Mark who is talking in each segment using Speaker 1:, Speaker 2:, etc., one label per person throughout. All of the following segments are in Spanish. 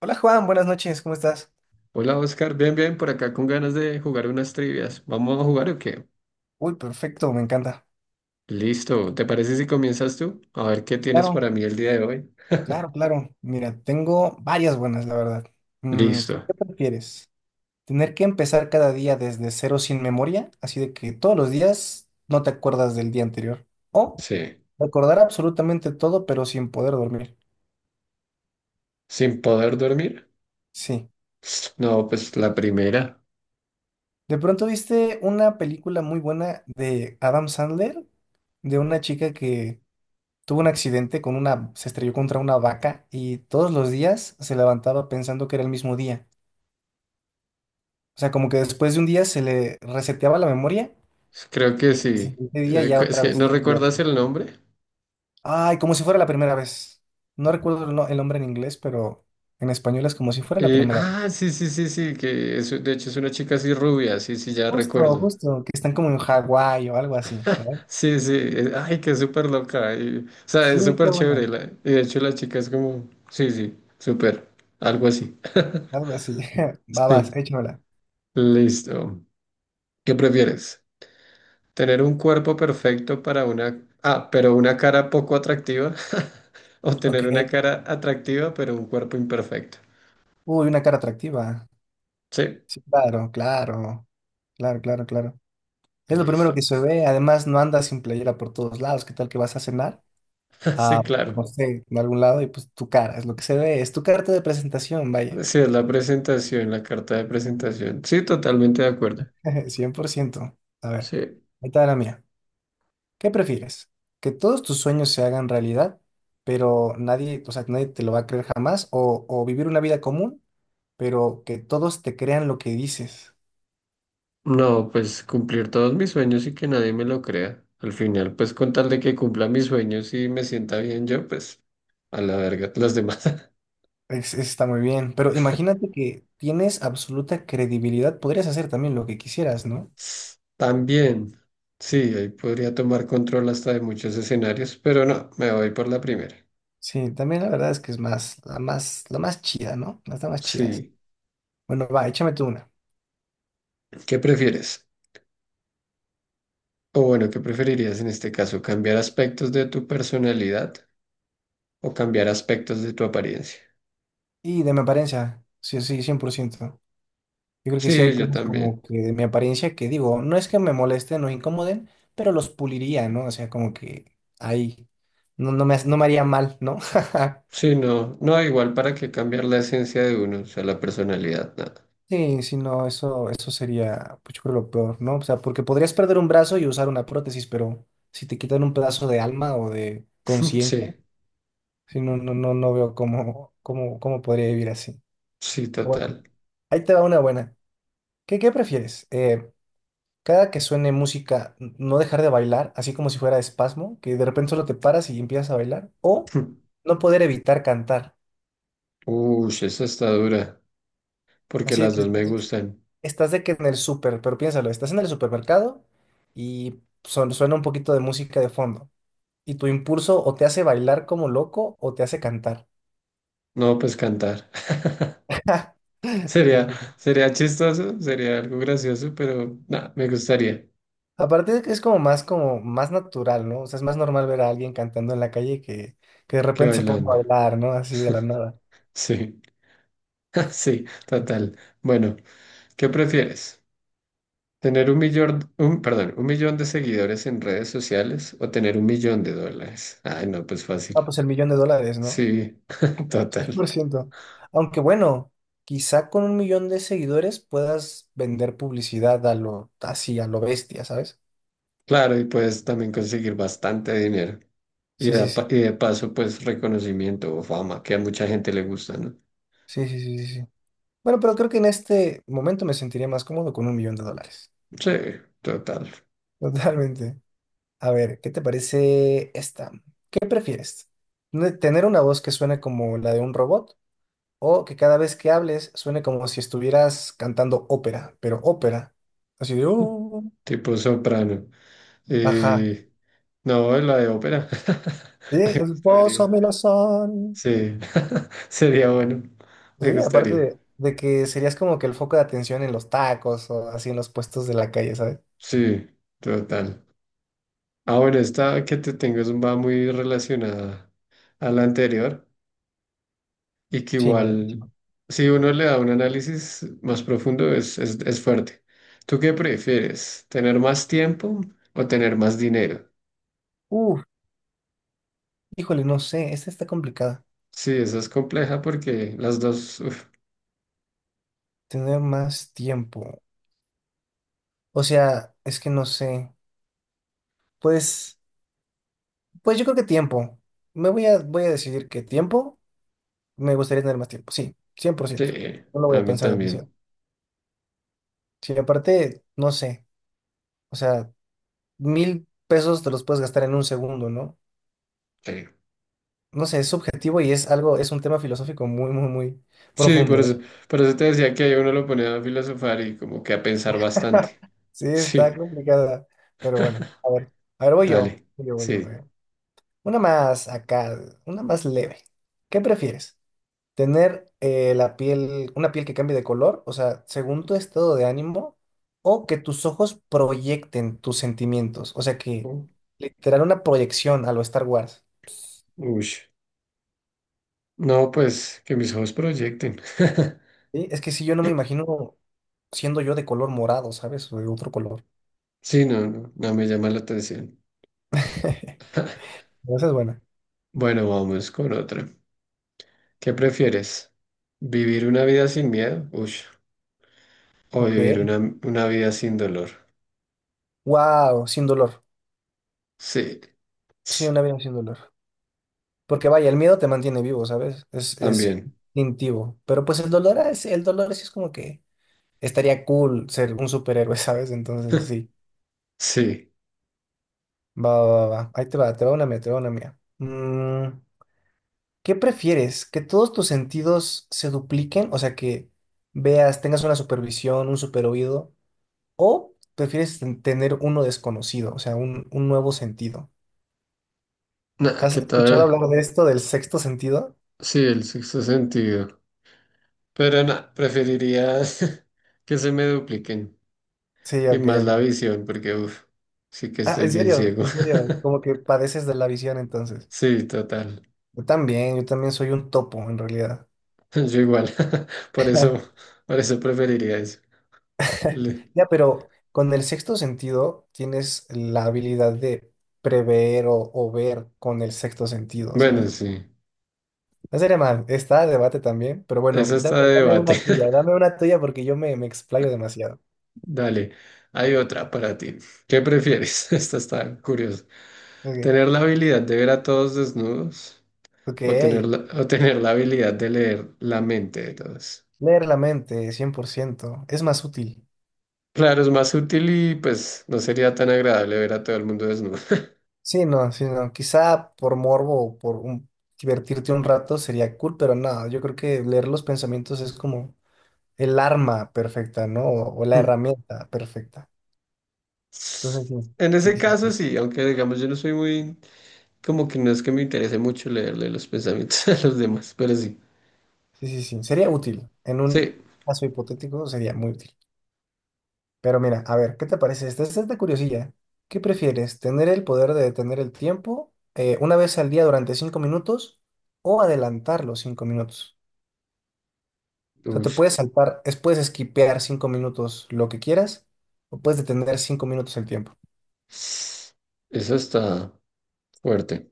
Speaker 1: Hola Juan, buenas noches, ¿cómo estás?
Speaker 2: Hola Oscar, bien, bien, por acá con ganas de jugar unas trivias. ¿Vamos a jugar o qué?
Speaker 1: Uy, perfecto, me encanta.
Speaker 2: Listo, ¿te parece si comienzas tú? A ver qué tienes
Speaker 1: Claro,
Speaker 2: para mí el día de hoy.
Speaker 1: claro, claro. Mira, tengo varias buenas, la verdad.
Speaker 2: Listo,
Speaker 1: ¿Qué prefieres? ¿Tener que empezar cada día desde cero sin memoria? Así de que todos los días no te acuerdas del día anterior. ¿O
Speaker 2: sí.
Speaker 1: recordar absolutamente todo pero sin poder dormir?
Speaker 2: ¿Sin poder dormir?
Speaker 1: Sí.
Speaker 2: No, pues la primera.
Speaker 1: De pronto viste una película muy buena de Adam Sandler, de una chica que tuvo un accidente se estrelló contra una vaca y todos los días se levantaba pensando que era el mismo día. O sea, como que después de un día se le reseteaba la memoria
Speaker 2: Creo que
Speaker 1: y el
Speaker 2: sí.
Speaker 1: siguiente día ya
Speaker 2: Es
Speaker 1: otra
Speaker 2: que
Speaker 1: vez
Speaker 2: no
Speaker 1: sentía
Speaker 2: recuerdas
Speaker 1: que.
Speaker 2: el nombre.
Speaker 1: Ay, como si fuera la primera vez. No recuerdo el, no- el nombre en inglés, pero en español es como si fuera la primera vez.
Speaker 2: Sí, sí, sí, sí, que es, de hecho es una chica así rubia, sí, sí, ya
Speaker 1: Justo,
Speaker 2: recuerdo.
Speaker 1: justo, que están como en Hawái o algo así, ¿sabes?
Speaker 2: Sí, sí, ay, que es súper loca. O sea,
Speaker 1: Sí,
Speaker 2: es súper
Speaker 1: está bueno,
Speaker 2: chévere. Y de hecho la chica es como, sí, sí, súper, algo así.
Speaker 1: algo así. Babas,
Speaker 2: Sí,
Speaker 1: échamela.
Speaker 2: listo. ¿Qué prefieres? ¿Tener un cuerpo perfecto para una... Ah, pero una cara poco atractiva? ¿O
Speaker 1: Ok.
Speaker 2: tener una cara atractiva pero un cuerpo imperfecto?
Speaker 1: Uy, una cara atractiva.
Speaker 2: Sí,
Speaker 1: Sí, claro, claro. Claro, claro, claro. Es lo primero que
Speaker 2: listo.
Speaker 1: se ve. Además, no andas sin playera por todos lados. ¿Qué tal que vas a cenar? A,
Speaker 2: Sí,
Speaker 1: no
Speaker 2: claro.
Speaker 1: sé, a algún lado y pues tu cara es lo que se ve. Es tu carta de presentación, vaya.
Speaker 2: Sí, es la presentación, la carta de presentación. Sí, totalmente de acuerdo.
Speaker 1: 100%. A ver,
Speaker 2: Sí.
Speaker 1: ahí está la mía. ¿Qué prefieres? ¿Que todos tus sueños se hagan realidad, pero nadie, o sea, nadie te lo va a creer jamás? ¿O vivir una vida común, pero que todos te crean lo que dices?
Speaker 2: No, pues cumplir todos mis sueños y que nadie me lo crea. Al final, pues con tal de que cumpla mis sueños y me sienta bien yo, pues a la verga, las demás.
Speaker 1: Está muy bien. Pero imagínate que tienes absoluta credibilidad. Podrías hacer también lo que quisieras, ¿no?
Speaker 2: También, sí, ahí podría tomar control hasta de muchos escenarios, pero no, me voy por la primera.
Speaker 1: Sí, también la verdad es que es más, la más chida, ¿no? La está más chida es.
Speaker 2: Sí,
Speaker 1: Bueno, va, échame tú una.
Speaker 2: ¿qué prefieres? O bueno, ¿qué preferirías en este caso? ¿Cambiar aspectos de tu personalidad o cambiar aspectos de tu apariencia?
Speaker 1: Y de mi apariencia, sí, sí, 100%. Yo creo que sí
Speaker 2: Sí,
Speaker 1: hay
Speaker 2: yo
Speaker 1: cosas como
Speaker 2: también.
Speaker 1: que de mi apariencia que digo, no es que me molesten o incomoden, pero los puliría, ¿no? O sea, como que ahí no, no me haría mal, ¿no?
Speaker 2: Sí, no, no, igual para que cambiar la esencia de uno, o sea, la personalidad, nada.
Speaker 1: Sí, sí, no, eso sería, pues yo creo lo peor, ¿no? O sea, porque podrías perder un brazo y usar una prótesis, pero si te quitan un pedazo de alma o de conciencia,
Speaker 2: Sí,
Speaker 1: sí, no, no, no, no veo cómo podría vivir así.
Speaker 2: sí,
Speaker 1: Bueno,
Speaker 2: total.
Speaker 1: ahí te va una buena. ¿Qué prefieres? Cada que suene música, no dejar de bailar, así como si fuera espasmo, que de repente solo te paras y empiezas a bailar, o no poder evitar cantar.
Speaker 2: Uy, esa está dura, porque
Speaker 1: Así de
Speaker 2: las
Speaker 1: que
Speaker 2: dos me gustan.
Speaker 1: estás de que en el súper, pero piénsalo, estás en el supermercado y suena un poquito de música de fondo. Y tu impulso o te hace bailar como loco o te hace cantar.
Speaker 2: No, pues cantar. Sería, sería chistoso, sería algo gracioso, pero nada, me gustaría
Speaker 1: Aparte de que es como más natural, ¿no? O sea, es más normal ver a alguien cantando en la calle que de
Speaker 2: que
Speaker 1: repente se ponga a
Speaker 2: bailando.
Speaker 1: bailar, ¿no? Así de la nada.
Speaker 2: Sí, sí, total. Bueno, ¿qué prefieres? ¿Tener un millón, un, perdón, un millón de seguidores en redes sociales o tener un millón de dólares? Ay, no, pues
Speaker 1: Ah,
Speaker 2: fácil.
Speaker 1: pues el 1 millón de dólares, ¿no?
Speaker 2: Sí,
Speaker 1: Cien por
Speaker 2: total.
Speaker 1: ciento. Aunque bueno, quizá con un 1 millón de seguidores puedas vender publicidad a lo, así, a lo bestia, ¿sabes?
Speaker 2: Claro, y puedes también conseguir bastante dinero. Y
Speaker 1: Sí,
Speaker 2: de,
Speaker 1: sí, sí.
Speaker 2: y de paso, pues reconocimiento o fama, que a mucha gente le gusta, ¿no?
Speaker 1: Sí, sí, sí, sí, sí. Bueno, pero creo que en este momento me sentiría más cómodo con un 1 millón de dólares.
Speaker 2: Sí, total.
Speaker 1: Totalmente. A ver, ¿qué te parece esta? ¿Qué prefieres? ¿Tener una voz que suene como la de un robot? O que cada vez que hables suene como si estuvieras cantando ópera, pero ópera. Así de,
Speaker 2: Tipo soprano.
Speaker 1: Ajá.
Speaker 2: Y no, la de ópera.
Speaker 1: Sí,
Speaker 2: Me
Speaker 1: el pozo
Speaker 2: gustaría.
Speaker 1: me lo son.
Speaker 2: Sí, sería bueno. Me
Speaker 1: Sí, aparte
Speaker 2: gustaría.
Speaker 1: de que serías como que el foco de atención en los tacos o así en los puestos de la calle, ¿sabes?
Speaker 2: Sí, total. Ah, bueno, esta que te tengo es, va muy relacionada a la anterior y que
Speaker 1: Sí, a ver, sí.
Speaker 2: igual, si uno le da un análisis más profundo, es fuerte. ¿Tú qué prefieres? ¿Tener más tiempo o tener más dinero?
Speaker 1: Uf, híjole, no sé, esta está complicada.
Speaker 2: Sí, esa es compleja porque las dos, uf,
Speaker 1: Tener más tiempo. O sea, es que no sé. Pues, pues yo creo que tiempo. Me voy a decidir que tiempo, me gustaría tener más tiempo. Sí, 100%.
Speaker 2: sí,
Speaker 1: No lo voy
Speaker 2: a
Speaker 1: a
Speaker 2: mí
Speaker 1: pensar demasiado.
Speaker 2: también.
Speaker 1: Sí, aparte, no sé, o sea, 1,000 pesos te los puedes gastar en un segundo, ¿no?
Speaker 2: Sí.
Speaker 1: No sé, es subjetivo y es algo, es un tema filosófico muy, muy, muy
Speaker 2: Sí,
Speaker 1: profundo.
Speaker 2: por eso te decía que ahí uno lo pone a filosofar y como que a pensar bastante.
Speaker 1: Sí, está
Speaker 2: Sí,
Speaker 1: complicada, pero bueno, a ver,
Speaker 2: dale.
Speaker 1: voy
Speaker 2: Sí.
Speaker 1: yo. Una más acá, una más leve. ¿Qué prefieres? ¿Tener la piel, una piel que cambie de color, o sea, según tu estado de ánimo, o que tus ojos proyecten tus sentimientos? O sea, que
Speaker 2: U-
Speaker 1: literal una proyección a lo Star Wars.
Speaker 2: Ush. No, pues que mis ojos proyecten.
Speaker 1: Sí, es que si yo no me imagino siendo yo de color morado, ¿sabes? O de otro color.
Speaker 2: Sí, no, no, no me llama la atención.
Speaker 1: Esa es buena.
Speaker 2: Bueno, vamos con otra. ¿Qué prefieres? ¿Vivir una vida sin miedo? Ush. O
Speaker 1: Ok.
Speaker 2: vivir una vida sin dolor.
Speaker 1: Wow, sin dolor.
Speaker 2: Sí.
Speaker 1: Sí, una vida sin dolor. Porque vaya, el miedo te mantiene vivo, ¿sabes? Es
Speaker 2: También.
Speaker 1: instintivo. Pero pues el dolor sí es como que estaría cool ser un superhéroe, ¿sabes? Entonces, sí.
Speaker 2: Sí.
Speaker 1: Va, va, va, va. Ahí te va una mía, te va una mía. ¿Qué prefieres? ¿Que todos tus sentidos se dupliquen? O sea, que veas, tengas una supervisión, un superoído. ¿O prefieres tener uno desconocido, o sea, un nuevo sentido?
Speaker 2: Nah,
Speaker 1: ¿Has
Speaker 2: ¿qué
Speaker 1: escuchado
Speaker 2: tal?
Speaker 1: hablar de esto, del sexto sentido?
Speaker 2: Sí, el sexto sentido. Pero nada, preferiría que se me dupliquen
Speaker 1: Sí,
Speaker 2: y
Speaker 1: ok,
Speaker 2: más la
Speaker 1: ok.
Speaker 2: visión, porque uff, sí que
Speaker 1: Ah,
Speaker 2: estoy bien ciego.
Speaker 1: en serio, como que padeces de la visión entonces.
Speaker 2: Sí, total.
Speaker 1: Yo también soy un topo en realidad.
Speaker 2: Yo igual. Por eso, por eso preferiría eso. Le-
Speaker 1: Ya, pero con el sexto sentido tienes la habilidad de prever o ver con el sexto sentido,
Speaker 2: Bueno,
Speaker 1: ¿sabes?
Speaker 2: sí.
Speaker 1: No sería mal, está a debate también, pero bueno,
Speaker 2: Eso está de debate.
Speaker 1: dame una tuya porque yo me explayo demasiado.
Speaker 2: Dale, hay otra para ti. ¿Qué prefieres? Esta está curiosa.
Speaker 1: Ok,
Speaker 2: ¿Tener la habilidad de ver a todos desnudos
Speaker 1: ok.
Speaker 2: o tener la habilidad de leer la mente de todos?
Speaker 1: Leer la mente, 100% es más útil.
Speaker 2: Claro, es más útil y pues no sería tan agradable ver a todo el mundo desnudo.
Speaker 1: Sí, no, sí, no. Quizá por morbo o por divertirte un rato sería cool, pero no, yo creo que leer los pensamientos es como el arma perfecta, ¿no? O la
Speaker 2: Hmm.
Speaker 1: herramienta perfecta. Entonces,
Speaker 2: En
Speaker 1: sí,
Speaker 2: ese
Speaker 1: sí,
Speaker 2: caso sí, aunque digamos yo no soy muy, como que no es que me interese mucho leerle los pensamientos a los demás, pero sí.
Speaker 1: sí, sí, sí, sí, sería útil. En
Speaker 2: Sí.
Speaker 1: un caso hipotético sería muy útil. Pero mira, a ver, ¿qué te parece esta? Esta es de curiosidad. ¿Qué prefieres? ¿Tener el poder de detener el tiempo una vez al día durante 5 minutos o adelantar los 5 minutos? O sea,
Speaker 2: Uy,
Speaker 1: te puedes saltar, puedes esquipear 5 minutos lo que quieras o puedes detener 5 minutos el tiempo.
Speaker 2: eso está fuerte.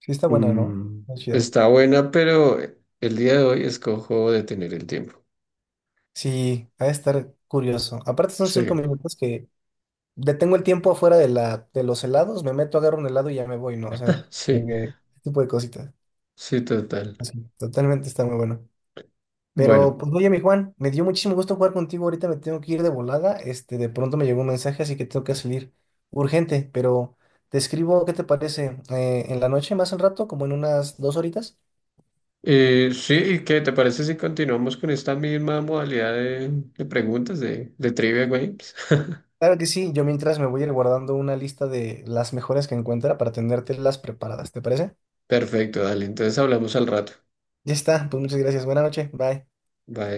Speaker 1: Sí, está buena, ¿no?
Speaker 2: Mm,
Speaker 1: Está chida.
Speaker 2: está buena, pero el día de hoy escojo detener el tiempo.
Speaker 1: Sí, ha de estar curioso. Aparte son
Speaker 2: Sí,
Speaker 1: 5 minutos que detengo el tiempo afuera de de los helados, me meto, agarro un helado y ya me voy, ¿no? O sea, como
Speaker 2: sí,
Speaker 1: que ese tipo de cositas.
Speaker 2: sí, total.
Speaker 1: Sí, totalmente está muy bueno. Pero,
Speaker 2: Bueno.
Speaker 1: pues, oye, mi Juan, me dio muchísimo gusto jugar contigo. Ahorita me tengo que ir de volada. Este, de pronto me llegó un mensaje, así que tengo que salir urgente. Pero te escribo, ¿qué te parece? En la noche, más al rato, como en unas 2 horitas.
Speaker 2: Sí, ¿qué te parece si continuamos con esta misma modalidad de preguntas de trivia games?
Speaker 1: Claro que sí, yo mientras me voy a ir guardando una lista de las mejores que encuentra para tenértelas preparadas. ¿Te parece?
Speaker 2: Perfecto, dale, entonces hablamos al rato.
Speaker 1: Ya está, pues muchas gracias. Buenas noches, bye.
Speaker 2: Bye.